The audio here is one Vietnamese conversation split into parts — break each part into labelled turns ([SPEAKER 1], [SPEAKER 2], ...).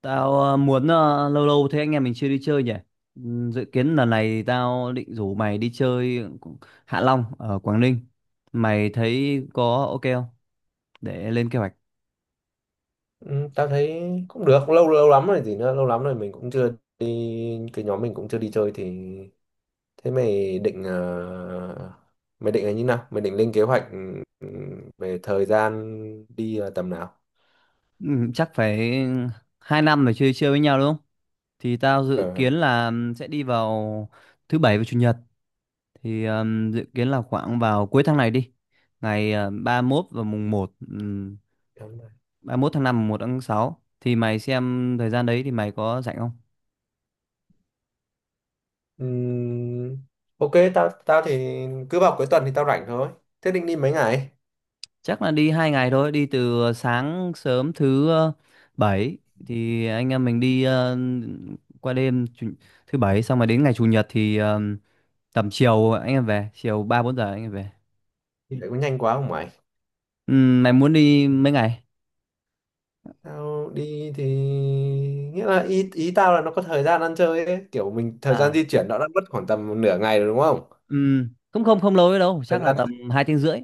[SPEAKER 1] Tao muốn lâu lâu thế anh em mình chưa đi chơi nhỉ? Dự kiến lần này tao định rủ mày đi chơi Hạ Long ở Quảng Ninh. Mày thấy có ok không? Để lên kế hoạch.
[SPEAKER 2] Ừ, tao thấy cũng được. Lâu lâu lắm rồi gì nữa, lâu lắm rồi mình cũng chưa đi, cái nhóm mình cũng chưa đi chơi thì. Thế mày định, mày định là như nào, mày định lên kế hoạch, ừ, về thời gian đi là tầm nào?
[SPEAKER 1] Chắc phải hai năm rồi chưa đi chơi với nhau đúng không? Thì tao dự
[SPEAKER 2] ờ
[SPEAKER 1] kiến là sẽ đi vào thứ bảy và chủ nhật. Thì dự kiến là khoảng vào cuối tháng này đi. Ngày ba mốt và mùng 1,
[SPEAKER 2] Đúng rồi.
[SPEAKER 1] ba mốt tháng năm, mùng 1 tháng sáu. Thì mày xem thời gian đấy thì mày có rảnh không?
[SPEAKER 2] Ừm, ok, tao tao thì cứ vào cuối tuần thì tao rảnh thôi. Thế định đi mấy ngày?
[SPEAKER 1] Chắc là đi hai ngày thôi, đi từ sáng sớm thứ bảy thì anh em mình đi qua đêm thứ bảy, xong rồi đến ngày chủ nhật thì tầm chiều anh em về, chiều 3 4 giờ anh em về.
[SPEAKER 2] Thì lại có nhanh quá không mày?
[SPEAKER 1] Mày muốn đi mấy ngày?
[SPEAKER 2] Tao đi thì nghĩa là, ý ý tao là nó có thời gian ăn chơi ấy, kiểu mình thời gian
[SPEAKER 1] À,
[SPEAKER 2] di chuyển nó đã mất khoảng tầm nửa ngày rồi đúng không.
[SPEAKER 1] không không không lâu ấy đâu,
[SPEAKER 2] Thời
[SPEAKER 1] chắc là
[SPEAKER 2] gian
[SPEAKER 1] tầm 2 tiếng rưỡi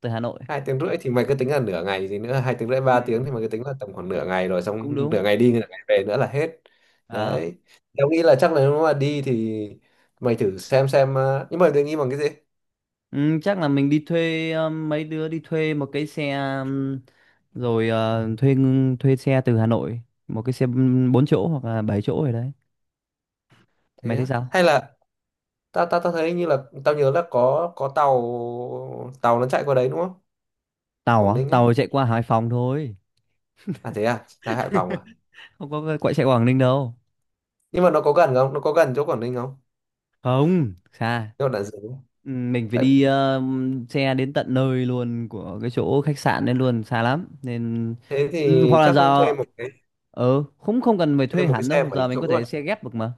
[SPEAKER 1] từ Hà Nội.
[SPEAKER 2] hai tiếng rưỡi thì mày cứ tính là nửa ngày gì nữa, hai tiếng rưỡi
[SPEAKER 1] Ừ,
[SPEAKER 2] 3 tiếng thì mày cứ tính là tầm khoảng nửa ngày rồi,
[SPEAKER 1] cũng
[SPEAKER 2] xong
[SPEAKER 1] đúng.
[SPEAKER 2] nửa ngày đi nửa ngày về nữa là hết.
[SPEAKER 1] À.
[SPEAKER 2] Đấy, tao nghĩ là chắc là nếu mà đi thì mày thử xem, nhưng mà định nghĩ bằng cái gì.
[SPEAKER 1] Ừ, chắc là mình đi thuê mấy đứa đi thuê một cái xe, um, rồi thuê xe từ Hà Nội, một cái xe 4 chỗ hoặc là 7 chỗ rồi đấy,
[SPEAKER 2] Thế
[SPEAKER 1] mày thấy
[SPEAKER 2] á?
[SPEAKER 1] sao.
[SPEAKER 2] Hay là tao tao tao thấy như là tao nhớ là có tàu tàu nó chạy qua đấy đúng không,
[SPEAKER 1] Tàu á,
[SPEAKER 2] Quảng Ninh ấy?
[SPEAKER 1] tàu chạy qua Hải Phòng thôi,
[SPEAKER 2] À thế à, ra Hải Phòng à?
[SPEAKER 1] không có quậy chạy qua Quảng Ninh đâu.
[SPEAKER 2] Nhưng mà nó có gần không, nó có gần chỗ Quảng Ninh không,
[SPEAKER 1] Không xa.
[SPEAKER 2] chỗ Đạn Dược không?
[SPEAKER 1] Ừ, mình phải
[SPEAKER 2] Tại,
[SPEAKER 1] đi xe đến tận nơi luôn của cái chỗ khách sạn đến luôn, xa lắm nên
[SPEAKER 2] thế
[SPEAKER 1] ừ,
[SPEAKER 2] thì
[SPEAKER 1] hoặc là
[SPEAKER 2] chắc thuê
[SPEAKER 1] giờ
[SPEAKER 2] một cái,
[SPEAKER 1] không không cần phải
[SPEAKER 2] thuê
[SPEAKER 1] thuê
[SPEAKER 2] một cái
[SPEAKER 1] hẳn
[SPEAKER 2] xe
[SPEAKER 1] đâu,
[SPEAKER 2] bảy
[SPEAKER 1] giờ mình
[SPEAKER 2] chỗ
[SPEAKER 1] có
[SPEAKER 2] rồi.
[SPEAKER 1] thể xe ghép được mà.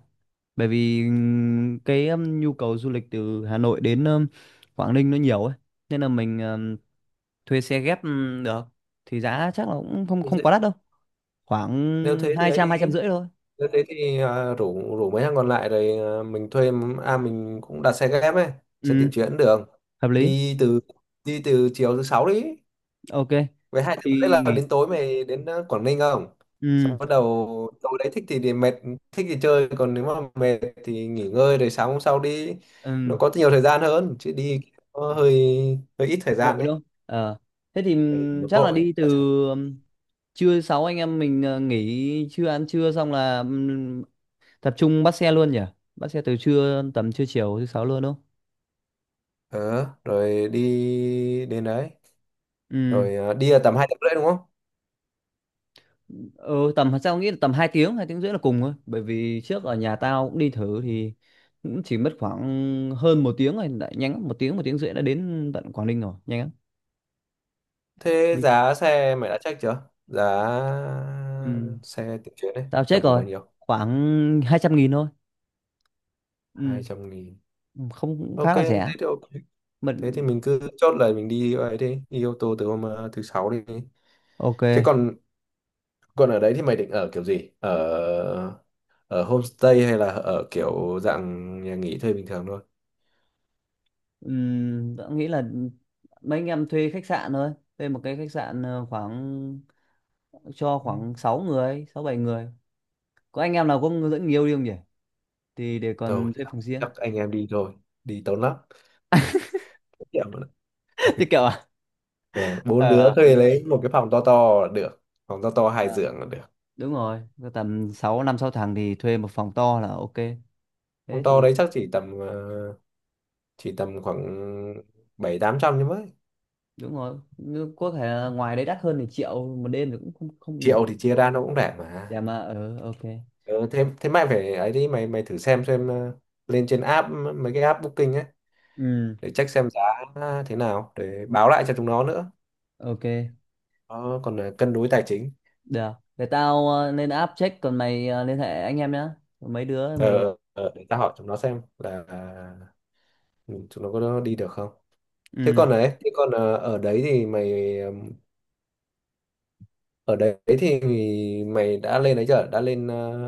[SPEAKER 1] Bởi vì cái nhu cầu du lịch từ Hà Nội đến Quảng Ninh nó nhiều ấy, nên là mình thuê xe ghép được, thì giá chắc là cũng không
[SPEAKER 2] Đi
[SPEAKER 1] không
[SPEAKER 2] xe-
[SPEAKER 1] quá đắt đâu,
[SPEAKER 2] Nếu
[SPEAKER 1] khoảng
[SPEAKER 2] thế thì ấy đi.
[SPEAKER 1] hai trăm rưỡi thôi.
[SPEAKER 2] Thế thế thì à, rủ rủ mấy thằng còn lại rồi, à, mình thuê, à mình cũng đặt xe ghép ấy, xe
[SPEAKER 1] Ừ,
[SPEAKER 2] tiện chuyến được.
[SPEAKER 1] hợp lý.
[SPEAKER 2] Đi từ, đi từ chiều thứ sáu đi.
[SPEAKER 1] Ok.
[SPEAKER 2] Với hai đứa đấy
[SPEAKER 1] Thì
[SPEAKER 2] là
[SPEAKER 1] nghỉ.
[SPEAKER 2] đến tối mày đến, à, Quảng Ninh không?
[SPEAKER 1] Ừ.
[SPEAKER 2] Xong bắt đầu tối đấy thích thì mệt, thích thì chơi, còn nếu mà mệt thì nghỉ ngơi rồi sáng hôm sau đi. Nó
[SPEAKER 1] ừm,
[SPEAKER 2] có nhiều thời gian hơn, chứ đi nó hơi hơi ít thời gian
[SPEAKER 1] vội
[SPEAKER 2] đấy.
[SPEAKER 1] đâu. Ờ, thế thì
[SPEAKER 2] Ừ, nó
[SPEAKER 1] chắc là
[SPEAKER 2] vội.
[SPEAKER 1] đi từ ừm, trưa sáu anh em mình nghỉ trưa ăn trưa xong là tập trung bắt xe luôn nhỉ, bắt xe từ trưa tầm trưa chiều thứ sáu luôn đúng không.
[SPEAKER 2] Ờ, rồi đi đến đấy,
[SPEAKER 1] Ừ.
[SPEAKER 2] rồi à, đi là tầm 2 tiếng rưỡi đúng không?
[SPEAKER 1] Ừ, tầm sao nghĩ là tầm hai tiếng rưỡi là cùng thôi, bởi vì trước ở nhà
[SPEAKER 2] À.
[SPEAKER 1] tao cũng đi thử thì cũng chỉ mất khoảng hơn một tiếng rồi, đã nhanh lắm một tiếng rưỡi đã đến tận Quảng Ninh rồi, nhanh lắm.
[SPEAKER 2] Thế
[SPEAKER 1] Đi
[SPEAKER 2] giá xe mày đã check chưa? Giá
[SPEAKER 1] ừ.
[SPEAKER 2] xe tự chuyển đấy,
[SPEAKER 1] Tao
[SPEAKER 2] tầm
[SPEAKER 1] check
[SPEAKER 2] khoảng
[SPEAKER 1] rồi,
[SPEAKER 2] bao nhiêu?
[SPEAKER 1] khoảng 200 nghìn thôi.
[SPEAKER 2] hai
[SPEAKER 1] Ừ.
[SPEAKER 2] trăm nghìn.
[SPEAKER 1] Không cũng khá là rẻ.
[SPEAKER 2] Ok. Thế thì
[SPEAKER 1] Mình
[SPEAKER 2] mình cứ chốt, lời mình đi ấy đi, đi ô tô từ hôm, thứ sáu đi.
[SPEAKER 1] ok.
[SPEAKER 2] Thế còn, còn ở đấy thì mày định ở kiểu gì? Ở ở homestay hay là ở kiểu dạng nhà nghỉ thuê bình thường thôi?
[SPEAKER 1] Ừ. Tao nghĩ là mấy anh em thuê khách sạn thôi, thuê một cái khách sạn khoảng cho khoảng 6 người 6 7 người, có anh em nào có dẫn người yêu đi không nhỉ, thì để
[SPEAKER 2] Thôi,
[SPEAKER 1] còn thuê phòng riêng.
[SPEAKER 2] chắc anh em đi thôi, đi tốn lắm. Tiệm mà.
[SPEAKER 1] Thì kiểu
[SPEAKER 2] Ờ, bốn
[SPEAKER 1] ờ
[SPEAKER 2] đứa
[SPEAKER 1] hợp
[SPEAKER 2] thuê
[SPEAKER 1] lý.
[SPEAKER 2] lấy một cái phòng to to là được, phòng to to hai
[SPEAKER 1] Ờ,
[SPEAKER 2] giường là được.
[SPEAKER 1] đúng rồi, cứ tầm 6 năm 6 thằng thì thuê một phòng to là ok.
[SPEAKER 2] Phòng
[SPEAKER 1] Thế
[SPEAKER 2] to
[SPEAKER 1] thì
[SPEAKER 2] đấy chắc chỉ tầm, thì tầm khoảng bảy tám trăm, nhưng mới
[SPEAKER 1] đúng rồi, nhưng có thể là ngoài đấy đắt hơn thì triệu một đêm thì cũng không không bình
[SPEAKER 2] triệu
[SPEAKER 1] thường.
[SPEAKER 2] thì chia ra nó cũng rẻ mà.
[SPEAKER 1] Dạ mà ờ ok.
[SPEAKER 2] Ừ, thế thế mày phải ấy đi, mày mày thử xem, lên trên app, mấy cái app booking ấy
[SPEAKER 1] Ừ,
[SPEAKER 2] để check xem giá thế nào để báo lại cho chúng nó nữa.
[SPEAKER 1] ok,
[SPEAKER 2] Ờ, còn là cân đối tài chính.
[SPEAKER 1] được, để tao lên app check, còn mày liên hệ anh em nhá. Còn mấy đứa mày
[SPEAKER 2] Ờ, để ta hỏi chúng nó xem là, ừ, chúng nó có đi được không. Thế
[SPEAKER 1] ừ,
[SPEAKER 2] còn đấy, thế còn, ở đấy thì mày, ở đấy thì mày đã lên đấy chưa, đã lên,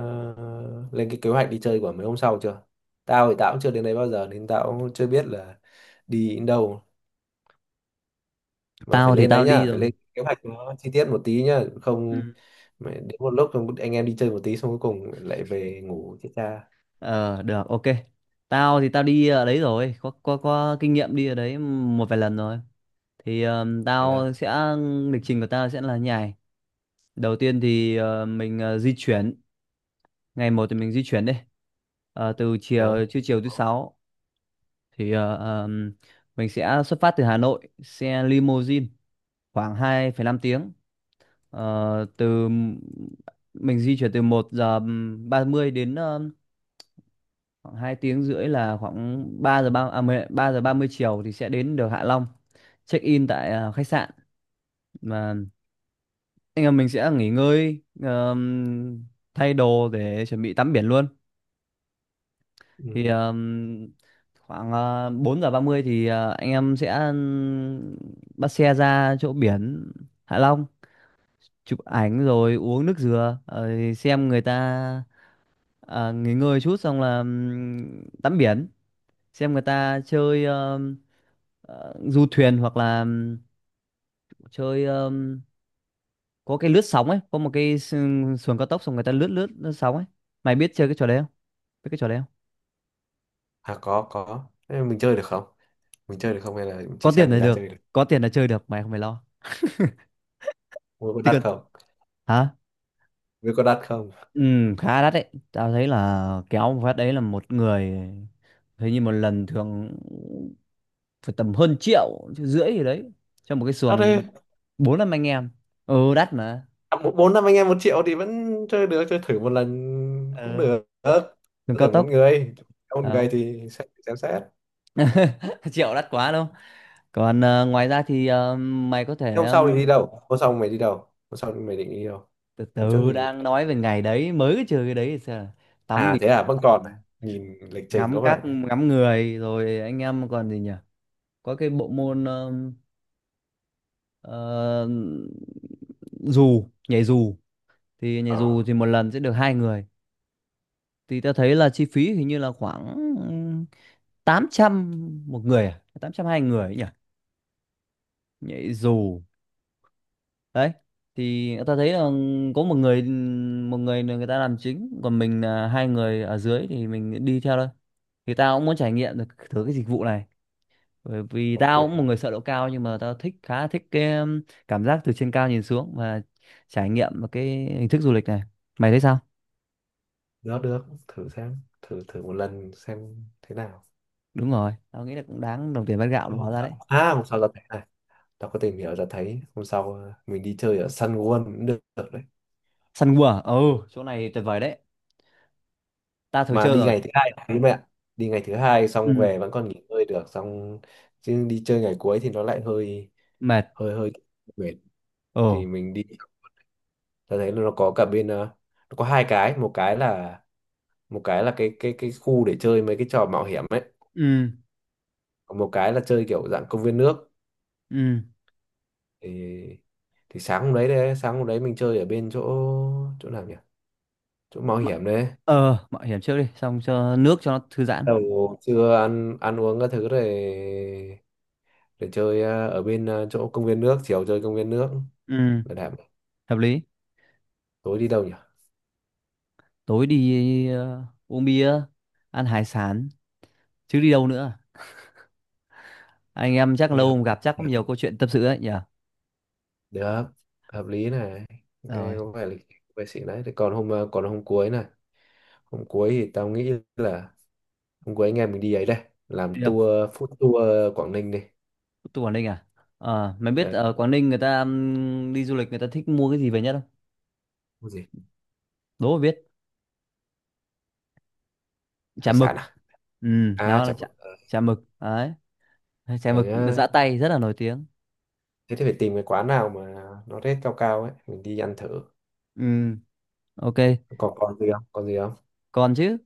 [SPEAKER 2] lên cái kế hoạch đi chơi của mấy hôm sau chưa. Tao thì tao cũng chưa đến đấy bao giờ nên tao cũng chưa biết là đi đến đâu, mà phải
[SPEAKER 1] tao thì
[SPEAKER 2] lên
[SPEAKER 1] tao
[SPEAKER 2] đấy
[SPEAKER 1] đi
[SPEAKER 2] nhá, phải
[SPEAKER 1] rồi.
[SPEAKER 2] lên kế hoạch nó chi tiết một tí nhá, không
[SPEAKER 1] Ừ.
[SPEAKER 2] mày đến một lúc không anh em đi chơi một tí xong cuối cùng lại về ngủ chết cha.
[SPEAKER 1] Ờ, được ok. Tao thì tao đi ở đấy rồi, có kinh nghiệm đi ở đấy một vài lần rồi, thì
[SPEAKER 2] Thế à.
[SPEAKER 1] tao sẽ, lịch trình của tao sẽ là như này. Đầu tiên thì mình di chuyển, ngày một thì mình di chuyển đi. Ờ, từ
[SPEAKER 2] Đó.
[SPEAKER 1] chiều trưa chiều thứ sáu thì mình sẽ xuất phát từ Hà Nội xe limousine, khoảng hai phẩy năm tiếng. Ờ, từ mình di chuyển từ một giờ 30 đến khoảng 2 tiếng rưỡi là khoảng 3 giờ 3 giờ 30 chiều thì sẽ đến được Hạ Long, check in tại khách sạn mà anh em mình sẽ nghỉ ngơi, thay đồ để chuẩn bị tắm biển luôn. Thì
[SPEAKER 2] Ừ.
[SPEAKER 1] khoảng 4 giờ 30 thì anh em sẽ bắt xe ra chỗ biển Hạ Long, chụp ảnh rồi uống nước dừa rồi xem người ta, à, nghỉ ngơi chút xong là tắm biển, xem người ta chơi du thuyền hoặc là chơi có cái lướt sóng ấy, có một xuồng cao tốc xong người ta lướt lướt, lướt sóng ấy. Mày biết chơi cái trò đấy không, biết cái trò đấy không.
[SPEAKER 2] À, có có. Thế mình chơi được không, mình chơi được không hay là
[SPEAKER 1] Có
[SPEAKER 2] chỉ xem
[SPEAKER 1] tiền
[SPEAKER 2] người
[SPEAKER 1] là
[SPEAKER 2] ta
[SPEAKER 1] được,
[SPEAKER 2] chơi được?
[SPEAKER 1] có tiền là chơi được, mày không phải lo,
[SPEAKER 2] Mua có
[SPEAKER 1] chứ
[SPEAKER 2] đắt
[SPEAKER 1] còn.
[SPEAKER 2] không?
[SPEAKER 1] Hả?
[SPEAKER 2] Mua có đắt không?
[SPEAKER 1] Ừ, khá đắt đấy. Tao thấy là kéo một phát đấy là một người, hình như một lần thường phải tầm hơn triệu, triệu rưỡi gì đấy cho một cái
[SPEAKER 2] Đắt đi.
[SPEAKER 1] xuồng bốn năm anh em. Ừ đắt mà.
[SPEAKER 2] À, bốn năm anh em 1 triệu thì vẫn chơi được, chơi thử một lần cũng
[SPEAKER 1] Ừ,
[SPEAKER 2] được.
[SPEAKER 1] đường
[SPEAKER 2] Tôi
[SPEAKER 1] cao
[SPEAKER 2] tưởng một
[SPEAKER 1] tốc.
[SPEAKER 2] người, một
[SPEAKER 1] Phải
[SPEAKER 2] người
[SPEAKER 1] Không.
[SPEAKER 2] thì sẽ xem xét.
[SPEAKER 1] Triệu đắt quá đâu. Còn ngoài ra thì mày có
[SPEAKER 2] Thế
[SPEAKER 1] thể
[SPEAKER 2] hôm sau thì đi đâu, hôm sau mày đi đâu, hôm sau mày định đi đâu?
[SPEAKER 1] từ
[SPEAKER 2] Hôm trước
[SPEAKER 1] từ
[SPEAKER 2] thì,
[SPEAKER 1] đang nói về ngày đấy, mới cái trừ cái đấy thì sao, là tắm
[SPEAKER 2] à thế
[SPEAKER 1] biển,
[SPEAKER 2] à, vẫn còn à? Nhìn lịch trình có
[SPEAKER 1] ngắm các
[SPEAKER 2] vẻ.
[SPEAKER 1] ngắm người rồi anh em còn gì nhỉ? Có cái bộ môn, ờ, dù nhảy dù, thì nhảy dù
[SPEAKER 2] ờ
[SPEAKER 1] thì một lần sẽ được hai người. Thì ta thấy là chi phí hình như là khoảng 800 một người, à 800 hai người ấy nhỉ, nhảy dù đấy. Thì ta thấy là có một người, một người là người ta làm chính còn mình là hai người ở dưới thì mình đi theo thôi. Thì tao cũng muốn trải nghiệm được thử cái dịch vụ này, bởi vì
[SPEAKER 2] ok,
[SPEAKER 1] tao cũng một người sợ độ cao, nhưng mà tao thích khá thích cái cảm giác từ trên cao nhìn xuống và trải nghiệm một cái hình thức du lịch này, mày thấy sao.
[SPEAKER 2] được, được thử xem, thử thử một lần xem thế nào.
[SPEAKER 1] Đúng rồi, tao nghĩ là cũng đáng đồng tiền bát gạo
[SPEAKER 2] Thế
[SPEAKER 1] đúng hóa
[SPEAKER 2] hôm
[SPEAKER 1] ra
[SPEAKER 2] sau,
[SPEAKER 1] đấy.
[SPEAKER 2] à hôm sau ra thấy này, tao có tìm hiểu ra thấy hôm sau, mình đi chơi ở Sun World cũng được, được đấy.
[SPEAKER 1] Săn cua à? Ừ, chỗ này tuyệt vời đấy, ta thử
[SPEAKER 2] Mà
[SPEAKER 1] chơi
[SPEAKER 2] đi
[SPEAKER 1] rồi.
[SPEAKER 2] ngày thứ hai đấy mẹ ạ. Đi ngày thứ hai xong
[SPEAKER 1] Ừ.
[SPEAKER 2] về vẫn còn nghỉ ngơi được xong, chứ đi chơi ngày cuối thì nó lại hơi
[SPEAKER 1] Mệt.
[SPEAKER 2] hơi hơi mệt.
[SPEAKER 1] Ừ.
[SPEAKER 2] Thì mình đi, ta thấy là nó có cả bên, nó có hai cái, một cái là, một cái là cái khu để chơi mấy cái trò mạo hiểm ấy,
[SPEAKER 1] Ừ.
[SPEAKER 2] còn một cái là chơi kiểu dạng công viên nước.
[SPEAKER 1] Ừ.
[SPEAKER 2] Thì thì sáng hôm đấy, đấy sáng hôm đấy mình chơi ở bên chỗ, chỗ nào nhỉ, chỗ mạo
[SPEAKER 1] M-
[SPEAKER 2] hiểm đấy.
[SPEAKER 1] ờ mạo hiểm trước đi, xong cho nước cho nó thư giãn.
[SPEAKER 2] Đầu trưa ăn ăn uống các thứ rồi để chơi, ở bên, chỗ công viên nước, chiều chơi công viên nước.
[SPEAKER 1] Ừ,
[SPEAKER 2] Bảo đảm.
[SPEAKER 1] hợp lý.
[SPEAKER 2] Tối đi đâu nhỉ?
[SPEAKER 1] Tối đi uống bia, ăn hải sản, chứ đi đâu nữa. Anh em chắc
[SPEAKER 2] Nghe
[SPEAKER 1] lâu
[SPEAKER 2] hợp,
[SPEAKER 1] không gặp, chắc có nhiều câu chuyện tâm sự đấy nhỉ.
[SPEAKER 2] được, hợp lý này,
[SPEAKER 1] Rồi.
[SPEAKER 2] nghe có vẻ lịch vệ sĩ đấy. Thế còn hôm, còn hôm cuối này, hôm cuối thì tao nghĩ là hôm cuối anh em mình đi ấy đây, làm
[SPEAKER 1] Đi đâu?
[SPEAKER 2] tour, food tour Quảng Ninh đi.
[SPEAKER 1] Tôi Quảng Ninh à. Ờ, mày biết
[SPEAKER 2] Ờ,
[SPEAKER 1] ở Quảng Ninh người ta đi du lịch người ta thích mua cái gì về nhất không?
[SPEAKER 2] cái gì,
[SPEAKER 1] Đố mà biết. Chả
[SPEAKER 2] hải sản
[SPEAKER 1] mực.
[SPEAKER 2] à,
[SPEAKER 1] Ừ,
[SPEAKER 2] à
[SPEAKER 1] nó là
[SPEAKER 2] chả bự. Ờ,
[SPEAKER 1] chả mực đấy, chả
[SPEAKER 2] để
[SPEAKER 1] mực là
[SPEAKER 2] nhá.
[SPEAKER 1] giã tay rất là nổi tiếng.
[SPEAKER 2] Thế thì phải tìm cái quán nào mà nó rate cao cao ấy mình đi ăn thử.
[SPEAKER 1] Ừ, ok.
[SPEAKER 2] Còn, còn gì không, còn gì không?
[SPEAKER 1] Còn chứ,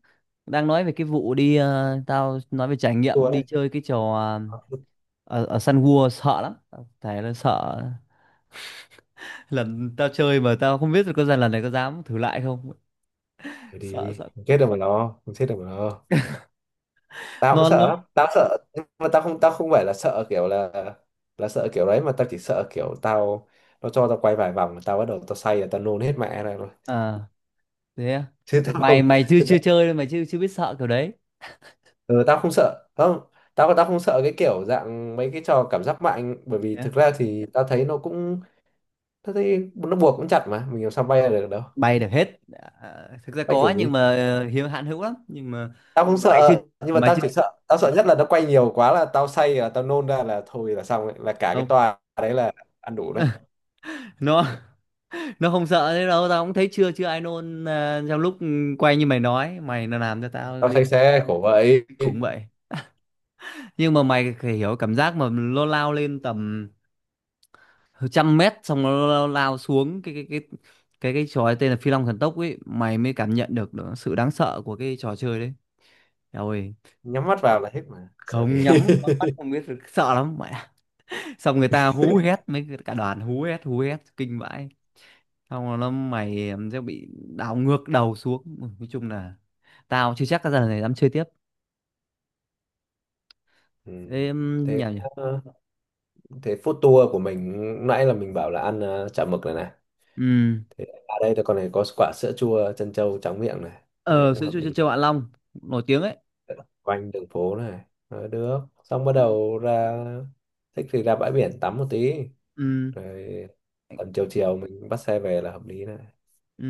[SPEAKER 1] đang nói về cái vụ đi tao nói về trải nghiệm
[SPEAKER 2] Tour
[SPEAKER 1] đi
[SPEAKER 2] đấy.
[SPEAKER 1] chơi cái trò
[SPEAKER 2] Ờ,
[SPEAKER 1] ở, ở Sun World sợ lắm, tao thề là sợ. Lần tao chơi mà tao không biết được có lần lần này có dám thử lại không.
[SPEAKER 2] thử
[SPEAKER 1] Sợ
[SPEAKER 2] đi
[SPEAKER 1] sợ
[SPEAKER 2] không chết đâu mà lo, không chết đâu mà lo. Tao cũng sợ
[SPEAKER 1] non
[SPEAKER 2] lắm tao sợ, nhưng mà tao không, tao không phải là sợ kiểu là sợ kiểu đấy, mà tao chỉ sợ kiểu tao, nó cho tao quay vài vòng mà tao bắt đầu tao say là tao nôn hết mẹ này rồi.
[SPEAKER 1] luôn. Thế à?
[SPEAKER 2] Chứ tao không,
[SPEAKER 1] Mày mày chưa
[SPEAKER 2] chứ
[SPEAKER 1] chưa
[SPEAKER 2] tao,
[SPEAKER 1] chơi đâu, mày chưa chưa biết sợ kiểu đấy.
[SPEAKER 2] ừ, tao không sợ, không, tao tao không sợ cái kiểu dạng mấy cái trò cảm giác mạnh, bởi vì
[SPEAKER 1] Nhá.
[SPEAKER 2] thực ra thì tao thấy nó cũng, tao thấy nó buộc cũng chặt mà mình làm sao bay ra được đâu,
[SPEAKER 1] Bay được hết. À, thực ra
[SPEAKER 2] bay
[SPEAKER 1] có
[SPEAKER 2] kiểu gì.
[SPEAKER 1] nhưng mà hiếm hạn hữu lắm, nhưng mà
[SPEAKER 2] Tao không
[SPEAKER 1] mày chưa
[SPEAKER 2] sợ nhưng mà
[SPEAKER 1] mày
[SPEAKER 2] tao
[SPEAKER 1] chưa
[SPEAKER 2] chỉ sợ, tao sợ nhất là nó quay nhiều quá là tao say là tao nôn ra là thôi là xong ấy, là cả cái
[SPEAKER 1] không.
[SPEAKER 2] tòa đấy là ăn đủ đấy.
[SPEAKER 1] nó nó không sợ thế đâu, tao cũng thấy chưa chưa ai nôn à, trong lúc quay như mày nói, mày nó làm cho tao
[SPEAKER 2] Tao
[SPEAKER 1] liên
[SPEAKER 2] say
[SPEAKER 1] tưởng
[SPEAKER 2] xe khổ vậy.
[SPEAKER 1] cũng vậy. Nhưng mà mày phải hiểu cảm giác mà nó lao lên tầm trăm mét xong nó lao xuống cái trò ấy tên là Phi Long Thần Tốc ấy, mày mới cảm nhận được, được sự đáng sợ của cái trò chơi đấy. Eo ơi,
[SPEAKER 2] Nhắm mắt vào là hết mà sợ
[SPEAKER 1] không
[SPEAKER 2] thế.
[SPEAKER 1] nhắm bắn mắt không biết, sợ lắm mẹ. Xong người ta hú hét mấy cả đoàn, hú hét kinh vãi, xong rồi nó mày em sẽ bị đảo ngược đầu xuống. Ui, nói chung là tao chưa chắc cái giờ này dám chơi tiếp.
[SPEAKER 2] Ừ.
[SPEAKER 1] Ê, em
[SPEAKER 2] Thế,
[SPEAKER 1] nhỉ nhỉ.
[SPEAKER 2] ờ, thế food tour của mình lúc nãy là mình bảo là ăn, chả mực này này,
[SPEAKER 1] Ừ.
[SPEAKER 2] thế ở đây thì con này có quả sữa chua trân châu tráng miệng này, nghe
[SPEAKER 1] Ờ,
[SPEAKER 2] cũng
[SPEAKER 1] sữa
[SPEAKER 2] hợp
[SPEAKER 1] chua chân
[SPEAKER 2] lý,
[SPEAKER 1] châu Hạ Long nổi tiếng ấy.
[SPEAKER 2] quanh đường phố này. Ờ, được xong bắt
[SPEAKER 1] Ừ.
[SPEAKER 2] đầu ra, thích thì ra bãi biển tắm một tí,
[SPEAKER 1] Ừ.
[SPEAKER 2] rồi tầm chiều chiều mình bắt xe về là hợp lý này.
[SPEAKER 1] Ừ.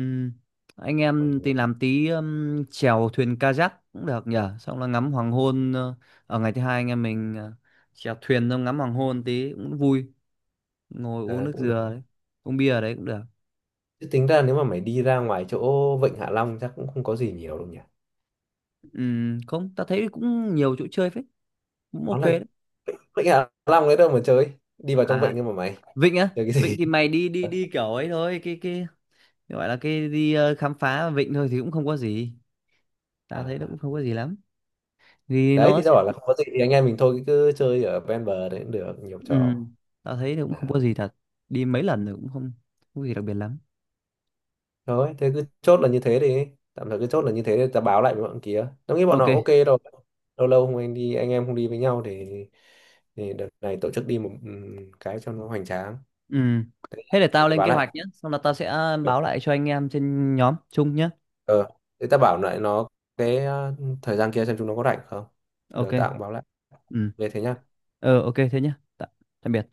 [SPEAKER 1] Anh
[SPEAKER 2] Ôi,
[SPEAKER 1] em thì
[SPEAKER 2] mình-.
[SPEAKER 1] làm tí chèo thuyền kayak cũng được nhỉ, xong là ngắm hoàng hôn ở ngày thứ hai anh em mình chèo thuyền xong ngắm hoàng hôn tí cũng vui, ngồi uống
[SPEAKER 2] Ờ,
[SPEAKER 1] nước
[SPEAKER 2] Cũng được,
[SPEAKER 1] dừa đấy, uống bia ở đấy cũng được.
[SPEAKER 2] chứ tính ra nếu mà mày đi ra ngoài chỗ Vịnh Hạ Long chắc cũng không có gì nhiều đâu nhỉ.
[SPEAKER 1] Không ta thấy cũng nhiều chỗ chơi phết, cũng
[SPEAKER 2] Nó
[SPEAKER 1] ok
[SPEAKER 2] là
[SPEAKER 1] đấy.
[SPEAKER 2] Vịnh Hạ Long đấy đâu mà chơi, đi vào trong
[SPEAKER 1] À,
[SPEAKER 2] vịnh nhưng mà mày
[SPEAKER 1] Vịnh á,
[SPEAKER 2] chơi cái
[SPEAKER 1] Vịnh
[SPEAKER 2] gì?
[SPEAKER 1] thì mày đi đi đi kiểu ấy thôi, cái gọi là cái đi khám phá Vịnh thôi thì cũng không có gì, tao thấy nó cũng
[SPEAKER 2] À,
[SPEAKER 1] không có gì lắm. Vì
[SPEAKER 2] đấy
[SPEAKER 1] nó
[SPEAKER 2] thì tao
[SPEAKER 1] sẽ
[SPEAKER 2] bảo là không có gì thì anh em mình thôi cứ chơi ở ven bờ đấy cũng được nhiều trò.
[SPEAKER 1] Ừm, tao thấy nó cũng không
[SPEAKER 2] À,
[SPEAKER 1] có gì thật, đi mấy lần rồi cũng không không có gì đặc biệt lắm.
[SPEAKER 2] thôi thế cứ chốt là như thế đi, tạm thời cứ chốt là như thế để tao báo lại với bọn kia, tao nghĩ bọn nó
[SPEAKER 1] Ok.
[SPEAKER 2] ok rồi. Lâu lâu không anh đi anh em không đi với nhau thì đợt này tổ chức đi một, cái cho nó hoành tráng.
[SPEAKER 1] Ừm, thế để
[SPEAKER 2] Để
[SPEAKER 1] tao
[SPEAKER 2] tao
[SPEAKER 1] lên
[SPEAKER 2] báo
[SPEAKER 1] kế
[SPEAKER 2] lại.
[SPEAKER 1] hoạch nhé, xong là tao sẽ báo lại cho anh em trên nhóm chung nhé.
[SPEAKER 2] ờ Thế tao bảo lại nó cái, thời gian kia xem chúng nó có rảnh không, được
[SPEAKER 1] Ok.
[SPEAKER 2] tao cũng báo lại
[SPEAKER 1] Ừ,
[SPEAKER 2] về thế nhá.
[SPEAKER 1] ờ ok thế nhé. Tạm biệt.